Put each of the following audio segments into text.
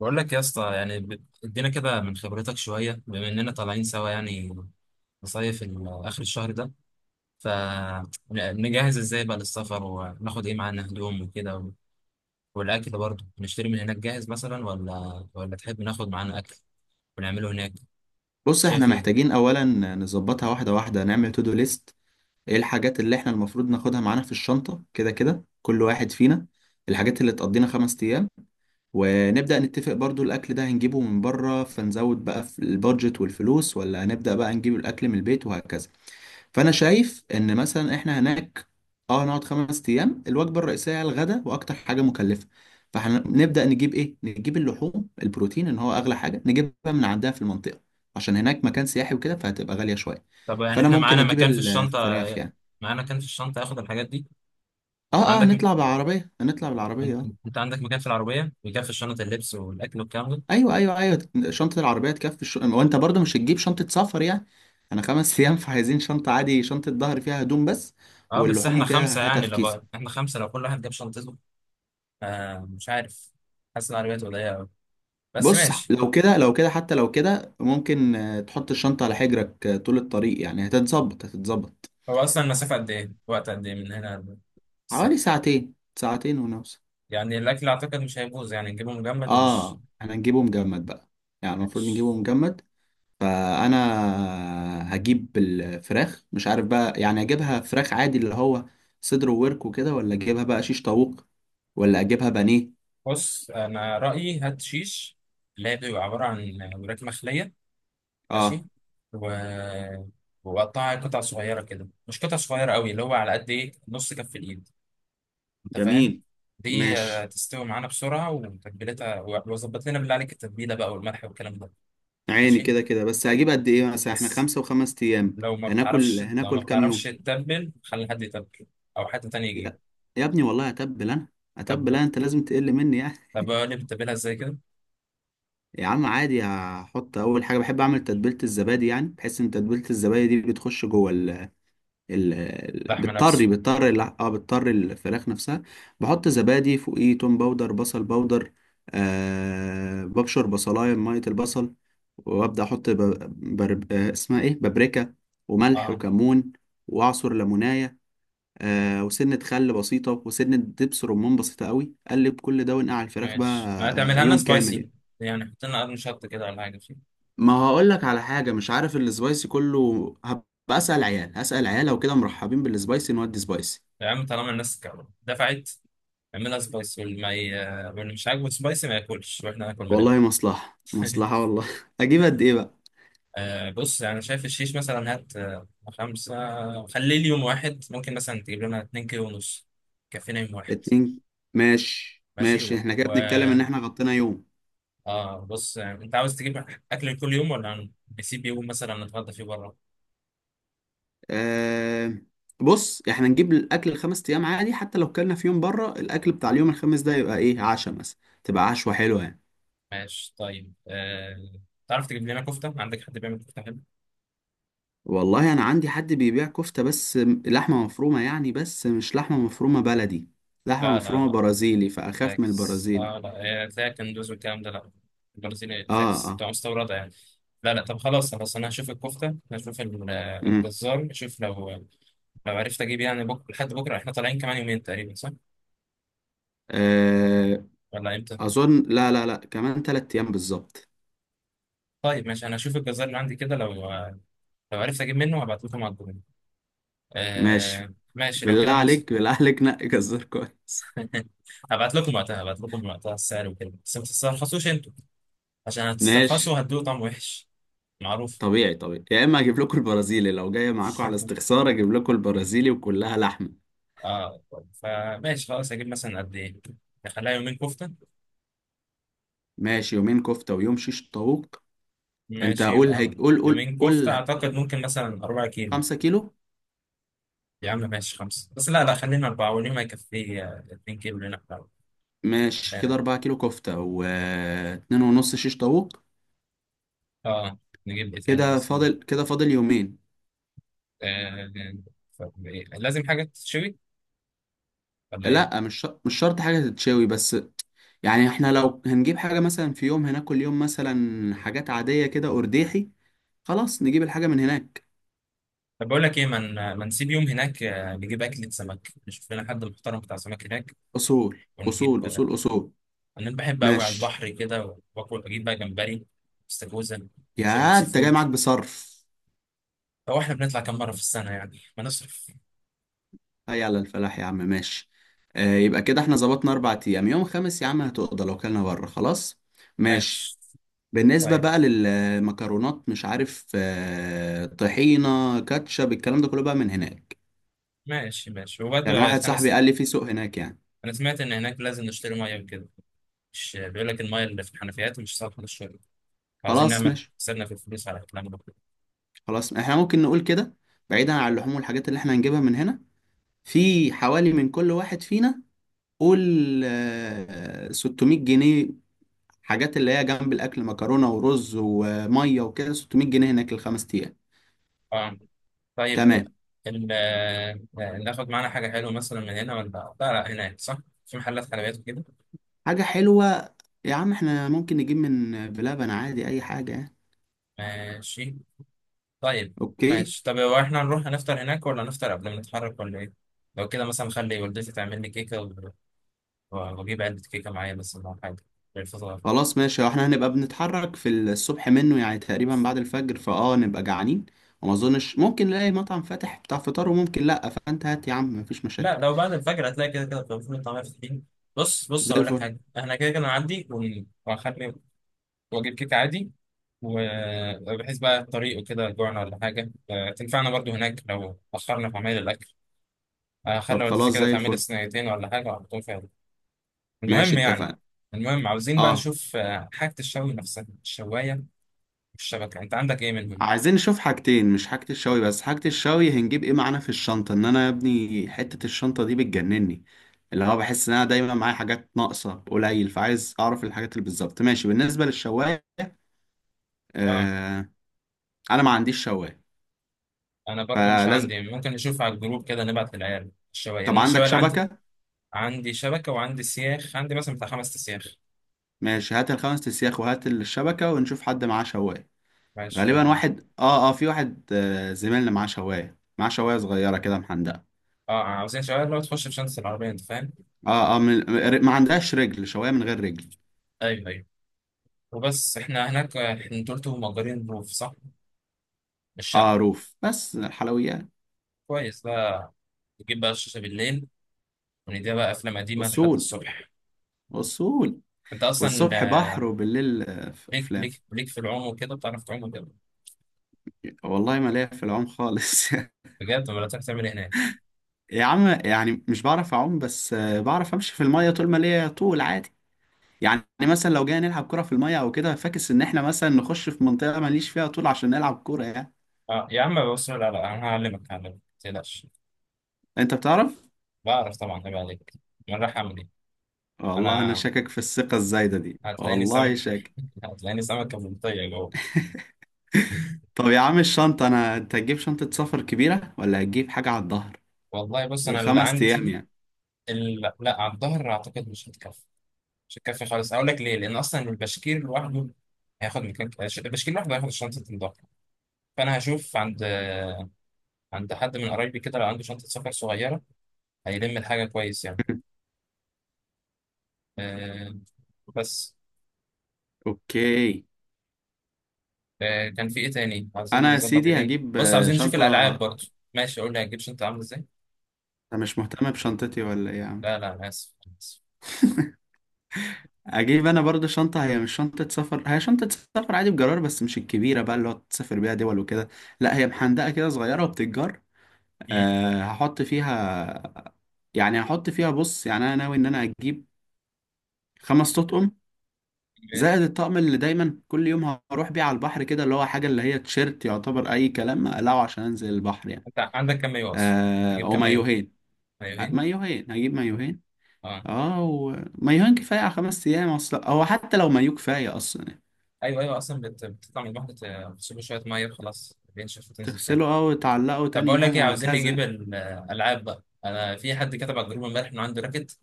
بقول لك يا اسطى، يعني ادينا كده من خبرتك شويه، بما اننا طالعين سوا يعني نصيف اخر الشهر ده. فنجهز ازاي بقى للسفر، وناخد ايه معانا، هدوم وكده والاكل برضه؟ نشتري من هناك جاهز مثلا، ولا تحب ناخد معانا اكل ونعمله هناك؟ بص، احنا شايف ايه؟ محتاجين اولا نظبطها واحده واحده. نعمل تو دو ليست، ايه الحاجات اللي احنا المفروض ناخدها معانا في الشنطه كده كده كل واحد فينا الحاجات اللي تقضينا 5 ايام. ونبدا نتفق برضو، الاكل ده هنجيبه من بره فنزود بقى في البادجت والفلوس، ولا هنبدا بقى نجيب الاكل من البيت وهكذا. فانا شايف ان مثلا احنا هناك اه هنقعد 5 ايام، الوجبه الرئيسيه على الغداء واكتر حاجه مكلفه. فهنبدا نجيب ايه، نجيب اللحوم، البروتين ان هو اغلى حاجه نجيبها من عندها في المنطقه، عشان هناك مكان سياحي وكده فهتبقى غاليه شويه. طب يعني فانا احنا ممكن اجيب الفراخ يعني. معانا مكان في الشنطه اخد الحاجات دي. اه اه، عندك م- هنطلع بالعربيه، هنطلع بالعربيه انت اه. أنت عندك مكان في العربيه، مكان في الشنطه، اللبس والاكل والكلام ده. ايوه ايوه ايوه، شنطه العربيه تكفي وانت برضو مش هتجيب شنطه سفر يعني، انا 5 ايام فعايزين شنطه عادي، شنطه ظهر فيها هدوم بس. اه، بس واللحوم احنا وكده خمسه هاتها يعني في لو كيس. بقى. احنا خمسه، لو كل واحد جاب شنطته. آه، مش عارف. حاسس ان العربية تبقى ضيقة أوي، بس بص ماشي. لو كده لو كده حتى لو كده ممكن آه، تحط الشنطة على حجرك آه، طول الطريق، يعني هتتظبط هتتظبط. هو أصلا المسافة قد إيه؟ وقت قد إيه من هنا الساحل؟ حوالي ساعتين ساعتين ونوصل. يعني الأكل أعتقد مش هيبوظ، يعني نجيبه مجمد، ومش اه، احنا هنجيبه مجمد بقى. يعني المفروض مش- نجيبه مجمد. فانا هجيب الفراخ، مش عارف بقى يعني اجيبها فراخ عادي اللي هو صدر وورك وكده، ولا اجيبها بقى شيش طاووق، ولا اجيبها بانيه. بص أنا رأيي هات شيش، اللي هي بتبقى عبارة عن وراك مخلية. اه. ماشي. و... وقطعها قطع صغيرة كده، مش قطع صغيرة أوي، اللي هو على قد إيه نص كف الإيد، أنت فاهم؟ جميل. دي ماشي. تستوي معانا بسرعة وتتبيلتها، وظبط لنا بالله عليك التتبيلة بقى، والملح والكلام ده. عيني ماشي؟ كده كده، بس هجيب قد ايه؟ مثلا احنا بس 5 و5 ايام. لو ما هناكل بتعرفش لو ما هناكل كام بتعرفش يوم. تتبل، خلي حد يتبل، او حد تاني يجيب. يا يا ابني، والله اتبل انا، طب اتبل انا انت لازم تقل مني يعني. طب اقول لي بتتبلها ازاي كده. يا عم عادي، هحط اول حاجه بحب اعمل تتبيله الزبادي، يعني بحس ان تتبيله الزبادي دي بتخش جوه ال لحمه بتطري نفسه، بتطري الع- اه بتطري الفراخ نفسها. بحط زبادي فوقيه، توم باودر، بصل باودر، آه ببشر بصلايه بميه البصل. وابدا احط ب... بر... آه اسمها ايه، بابريكا، وملح، اه. وكمون، واعصر ليمونايه. آه، وسنة خل بسيطة، وسنة دبس رمان بسيطة قوي، قلب كل ده ونقع الفراخ بقى. ماشي، ما آه، تعملها لنا يوم كامل يعني. سبايسي يعني، حط لنا قرن شطه كده ولا حاجه فيه. ما هقول لك على حاجة، مش عارف السبايسي كله هبقى. أسأل عيال، هسأل عيال، لو كده مرحبين بالسبايسي نودي سبايسي. يا عم طالما الناس دفعت، اعملها سبايسي، واللي مش عاجبه سبايسي ما ياكلش، واحنا ناكل من أول. والله مصلحة مصلحة والله أجيب قد إيه بقى؟ آه بص، يعني شايف الشيش مثلا، هات خمسة، خليه اليوم واحد، ممكن مثلا تجيب لنا اتنين كيلو ونص، كفينا يوم واحد. اتنين. ماشي ماشي. ماشي، احنا كده بنتكلم إن احنا غطينا يوم. اه بص، يعني انت عاوز تجيب اكل كل يوم، ولا نسيب يوم مثلا نتغدى فيه بره؟ آه، بص احنا نجيب الأكل الخمس أيام عادي، حتى لو كلنا في يوم بره، الأكل بتاع اليوم الخامس ده يبقى إيه عشاء مثلا، تبقى عشوة حلوة يعني. ماشي، طيب. تعرف تجيب لنا كفته؟ عندك حد بيعمل كفته حلو؟ والله انا عندي حد بيبيع كفتة، بس م- لحمة مفرومة يعني، بس مش لحمة مفرومة بلدي، لحمة لا لا مفرومة لا، برازيلي، فاخاف من فاكس، البرازيلي. لا، تلاقي كندوز والكلام ده، لا. البرازيلي اه فاكس اه. تبقى مستورده يعني. لا لا، طب خلاص خلاص انا هشوف الكفته، هشوف امم الجزار، اشوف لو لو عرفت اجيب يعني بكره، لحد بكره احنا طالعين كمان يومين تقريبا صح، آه، ولا امتى؟ اظن لا لا لا، كمان 3 ايام بالظبط. طيب ماشي، انا هشوف الجزار اللي عندي كده، لو عرفت اجيب منه هبعت لكم على الجروب. ماشي. آه ماشي، لو بالله كده ماشي. عليك، بالله عليك نقي جزار كويس. هبعت لكم وقتها السعر وكده، بس ما تسترخصوش انتوا، عشان ماشي. هتسترخصوا هتدوقوا طعم وحش معروف. طبيعي طبيعي، يا اما اجيب لكم البرازيلي لو جاي معاكم على استخسار اجيب لكم البرازيلي، وكلها لحمة. اه طيب، فماشي خلاص، هجيب مثلا قد ايه؟ نخليها يومين كفتة. ماشي، يومين كفتة ويوم شيش طاووق. انت ماشي، قول يبقى هيك، قول قول يومين كفتة، قول. اعتقد ممكن مثلا 4 كيلو. 5 كيلو. يا عم ماشي، خمسة بس لا لا، خلينا أربعة واليوم هيكفي 2 كيلو لنا إحنا. ماشي لا، كده، 4 كيلو كفتة واتنين ونص شيش طاووق. اه. نجيب ايه تاني كده مثلا؟ فاضل كده فاضل يومين. آه، طب إيه؟ لازم حاجة تشوي ولا ايه؟ لأ، مش شرط حاجة تتشوي، بس يعني احنا لو هنجيب حاجة مثلا في يوم هناكل يوم مثلا حاجات عادية كده أرديحي، خلاص نجيب الحاجة من هناك. طب بقول لك ايه، ما نسيب يوم هناك، نجيب اكلة سمك، نشوف لنا حد محترم بتاع سمك هناك، أصول ونجيب أصول آه، أصول. أصول. انا بحب قوي على ماشي، البحر كده، واكل، اجيب بقى جمبري، استاكوزا، شوربة يا سي أنت جاي فود. معاك بصرف. هو احنا بنطلع كام مرة في السنة يعني، ما نصرف. هيا على الفلاح يا عم، ماشي. آه، يبقى كده احنا ظبطنا 4 أيام، يوم خامس يا عم هتقضى لو كلنا بره خلاص. ماشي. ماشي بالنسبة طيب، بقى للمكرونات، مش عارف آه، طحينة كاتشب الكلام ده كله بقى من هناك. ماشي ماشي، وبرضه يعني واحد انا صاحبي س... قال لي في سوق هناك يعني. انا سمعت ان هناك لازم نشتري ميه وكده، مش بيقول لك الميه اللي في الحنفيات مش صالحة للشرب، عاوزين خلاص نعمل ماشي، حسابنا في الفلوس على الكلام ده. خلاص احنا ممكن نقول كده. بعيدا عن اللحوم والحاجات اللي احنا هنجيبها من هنا، في حوالي من كل واحد فينا، قول آه، 600 جنيه. حاجات اللي هي جنب الأكل، مكرونة ورز ومية وكده، 600 جنيه هناك ال5 أيام. اه طيب. تمام. ناخد معانا حاجة حلوة مثلا من هنا ولا، لا لا هناك، صح؟ في محلات حلويات وكده. حاجة حلوة، يا عم احنا ممكن نجيب من بلبن عادي أي حاجة يعني. ماشي طيب. اوكي. ماشي، طب هو احنا نروح نفطر هناك، ولا نفطر قبل ما نتحرك، ولا ايه؟ لو كده مثلا، خلي والدتي تعمل لي كيكة واجيب علبة كيكة معايا بس، ولا حاجة للفطار. خلاص ماشي، احنا هنبقى بنتحرك في الصبح منه يعني تقريبا بعد الفجر، فاه نبقى جعانين وما اظنش ممكن نلاقي مطعم فاتح بتاع فطار، وممكن لا، فانت هات يا عم مفيش لا، مشاكل. لو بعد الفجر هتلاقي كده كده كان فول وطعمية فاتحين. بص بص، زي هقول لك الفل. حاجة، احنا كده كده نعدي وهخلي واجيب كيكة عادي، وبحيث بقى الطريق وكده جوعنا ولا حاجة، تنفعنا برضو هناك لو أخرنا في عمايل الأكل، طب خلي والدتي خلاص، كده زي تعمل الفل. صينيتين ولا حاجة وأحطهم فيها. ماشي المهم يعني اتفقنا. المهم عاوزين بقى اه، نشوف حاجة الشوي نفسها، الشواية والشبكة، أنت عندك إيه منهم؟ عايزين نشوف حاجتين، مش حاجة الشوي بس، حاجة الشوي هنجيب ايه معانا في الشنطة، ان انا يا ابني حتة الشنطة دي بتجنني، اللي هو بحس ان انا دايما معايا حاجات ناقصة قليل، فعايز اعرف الحاجات اللي بالظبط. ماشي، بالنسبة للشواية. آه، آه. انا ما عنديش شواية. أنا برضو مش فلازم. عندي، ممكن نشوف على الجروب كده، نبعت للعيال الشواية، طب لأن الشواية عندك اللي عندي، شبكة. عندي شبكة وعندي سياخ، عندي مثلا بتاع خمس سياخ. ماشي، هات الخمس تسياخ وهات الشبكة ونشوف حد معاه شواية. ماشي. غالبا واحد اه اه في واحد آه زميلنا معاه شواية، معاه شواية صغيرة كده محندقة. عاوزين شواية اللي هو تخش في شنطة العربية، أنت فاهم؟ اه اه، ما عندهاش رجل شواية، من غير رجل. أيوه أيوه. وبس احنا هناك، آه، احنا انتوا قلتوا مأجرين روف، صح؟ الشقة. اه، روف بس الحلويات. كويس بقى، نجيب بقى الشاشة بالليل، ونديها بقى أفلام قديمة لحد أصول الصبح. أصول. أنت أصلا والصبح بحر، آه، وبالليل آه، ليك أفلام. ليك ليك في العوم وكده، بتعرف تعوم وكده؟ والله ما ليا في العوم خالص بجد؟ ولا تعرف تعمل إيه هناك؟ يا عم يعني مش بعرف أعوم، بس آه بعرف أمشي في المية طول ما ليا طول عادي. يعني مثلا لو جينا نلعب كرة في المية او كده، فاكس ان احنا مثلا نخش في منطقة ماليش فيها طول عشان نلعب كورة يعني. أه يا عم بص، لا لا، أنا هعلمك هعلمك ما تقلقش. انت بتعرف. بعرف طبعا، عيب عليك. أنا رايح أعمل إيه؟ والله انا أنا شاكك في الثقة الزايدة دي، هتلاقيني والله سمك. شاكك. هتلاقيني سمكة بلطية جوه. طب يا عم الشنطة انا، انت هتجيب شنطة سفر كبيرة ولا هتجيب حاجة على الظهر؟ والله بص، أنا اللي ال5 ايام عندي يعني. اللي... لا، على الظهر أعتقد مش هتكفي، مش هتكفي خالص، أقول لك ليه، لأن أصلا البشكير لوحده هياخد مكان، البشكير لوحده هياخد شنطة الظهر، فأنا هشوف عند حد من قرايبي كده، لو عنده شنطة سفر صغيرة هيلم الحاجة كويس يعني. آه بس. اوكي. آه، كان في إيه تاني؟ عايزين انا يا نظبط إيه سيدي تاني؟ هجيب بص آه، عايزين نشوف الألعاب شنطة. برضه. ماشي، قول لي هتجيب شنطة عاملة إزاي. انا مش مهتم بشنطتي ولا ايه يا عم. لا لا، أنا آسف أنا آسف. اجيب انا برضه شنطة، هي مش شنطة سفر، هي شنطة سفر عادي بجرار، بس مش الكبيرة بقى اللي هو تسافر بيها دول وكده، لا هي محندقة كده صغيرة وبتتجر. مم. أه هحط فيها. يعني هحط فيها، بص يعني انا ناوي ان انا اجيب 5 تطقم، زائد الطقم اللي دايما كل يوم هروح بيه على البحر كده، اللي هو حاجه اللي هي تيشيرت يعتبر اي كلام اقلعه عشان انزل البحر يعني. أنت عندك كام مايو أصلا؟ أه، تجيب او كام مايو؟ مايوهين. آه، مايوهين. مايوهين، هجيب مايوهين. أه. اه، ومايوهين كفايه على 5 ايام اصلا، او حتى لو مايو كفايه اصلا يعني. أيوه أيوه، أصلا بتطلع من الواحدة تغسله شوية مية خلاص بينشف وتنزل تاني. تغسله او تعلقه طب تاني بقول لك يوم إيه، عاوزين نجيب وهكذا. الألعاب بقى، أنا في حد كتب على الجروب إمبارح إنه عنده راكت،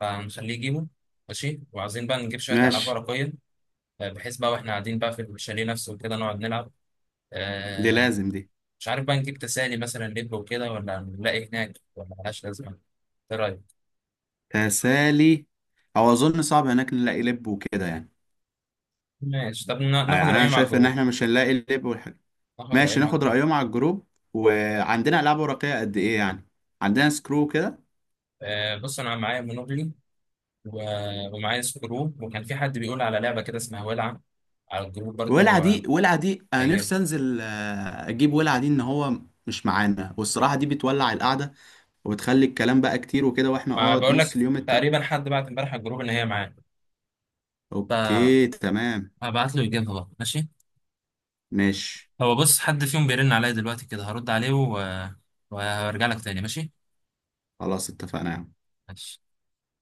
فهنخليه يجيبه. ماشي، وعايزين بقى نجيب شوية ألعاب ماشي. ورقية، بحيث بقى واحنا قاعدين بقى في الشاليه نفسه وكده نقعد نلعب. دي آه، لازم دي. مش عارف بقى، نجيب تسالي مثلا لب وكده، ولا نلاقي هناك، ولا ملهاش لازمه؟ ايه رايك؟ تسالي. او اظن صعب هناك نلاقي لب وكده يعني. ماشي، طب ناخد يعني انا رايهم على شايف ان الجروب. احنا مش هنلاقي اللب والحاجة. ناخد ماشي، رايهم على ناخد الجروب رأيهم على الجروب. وعندنا ألعاب ورقية قد ايه يعني، عندنا سكرو كده. بص، انا معايا مونوبلي ومعايا سكرو، وكان في حد بيقول على لعبه كده اسمها ولعه على الجروب ولع برضو، دي، ولع دي انا نفسي هيجيب. انزل آه، اجيب ولع دي، ان هو مش معانا، والصراحة دي بتولع القعدة، وبتخلي الكلام بقى كتير وكده واحنا ما اه بقول نص لك اليوم التاني. تقريبا حد بعت امبارح على الجروب ان هي معاه، فهبعت اوكي تمام. له يجيبها بقى. ماشي. ماشي هو بص، حد فيهم بيرن عليا دلوقتي كده، هرد عليه وهرجع لك تاني. ماشي. خلاص اتفقنا يا عم. ماشي.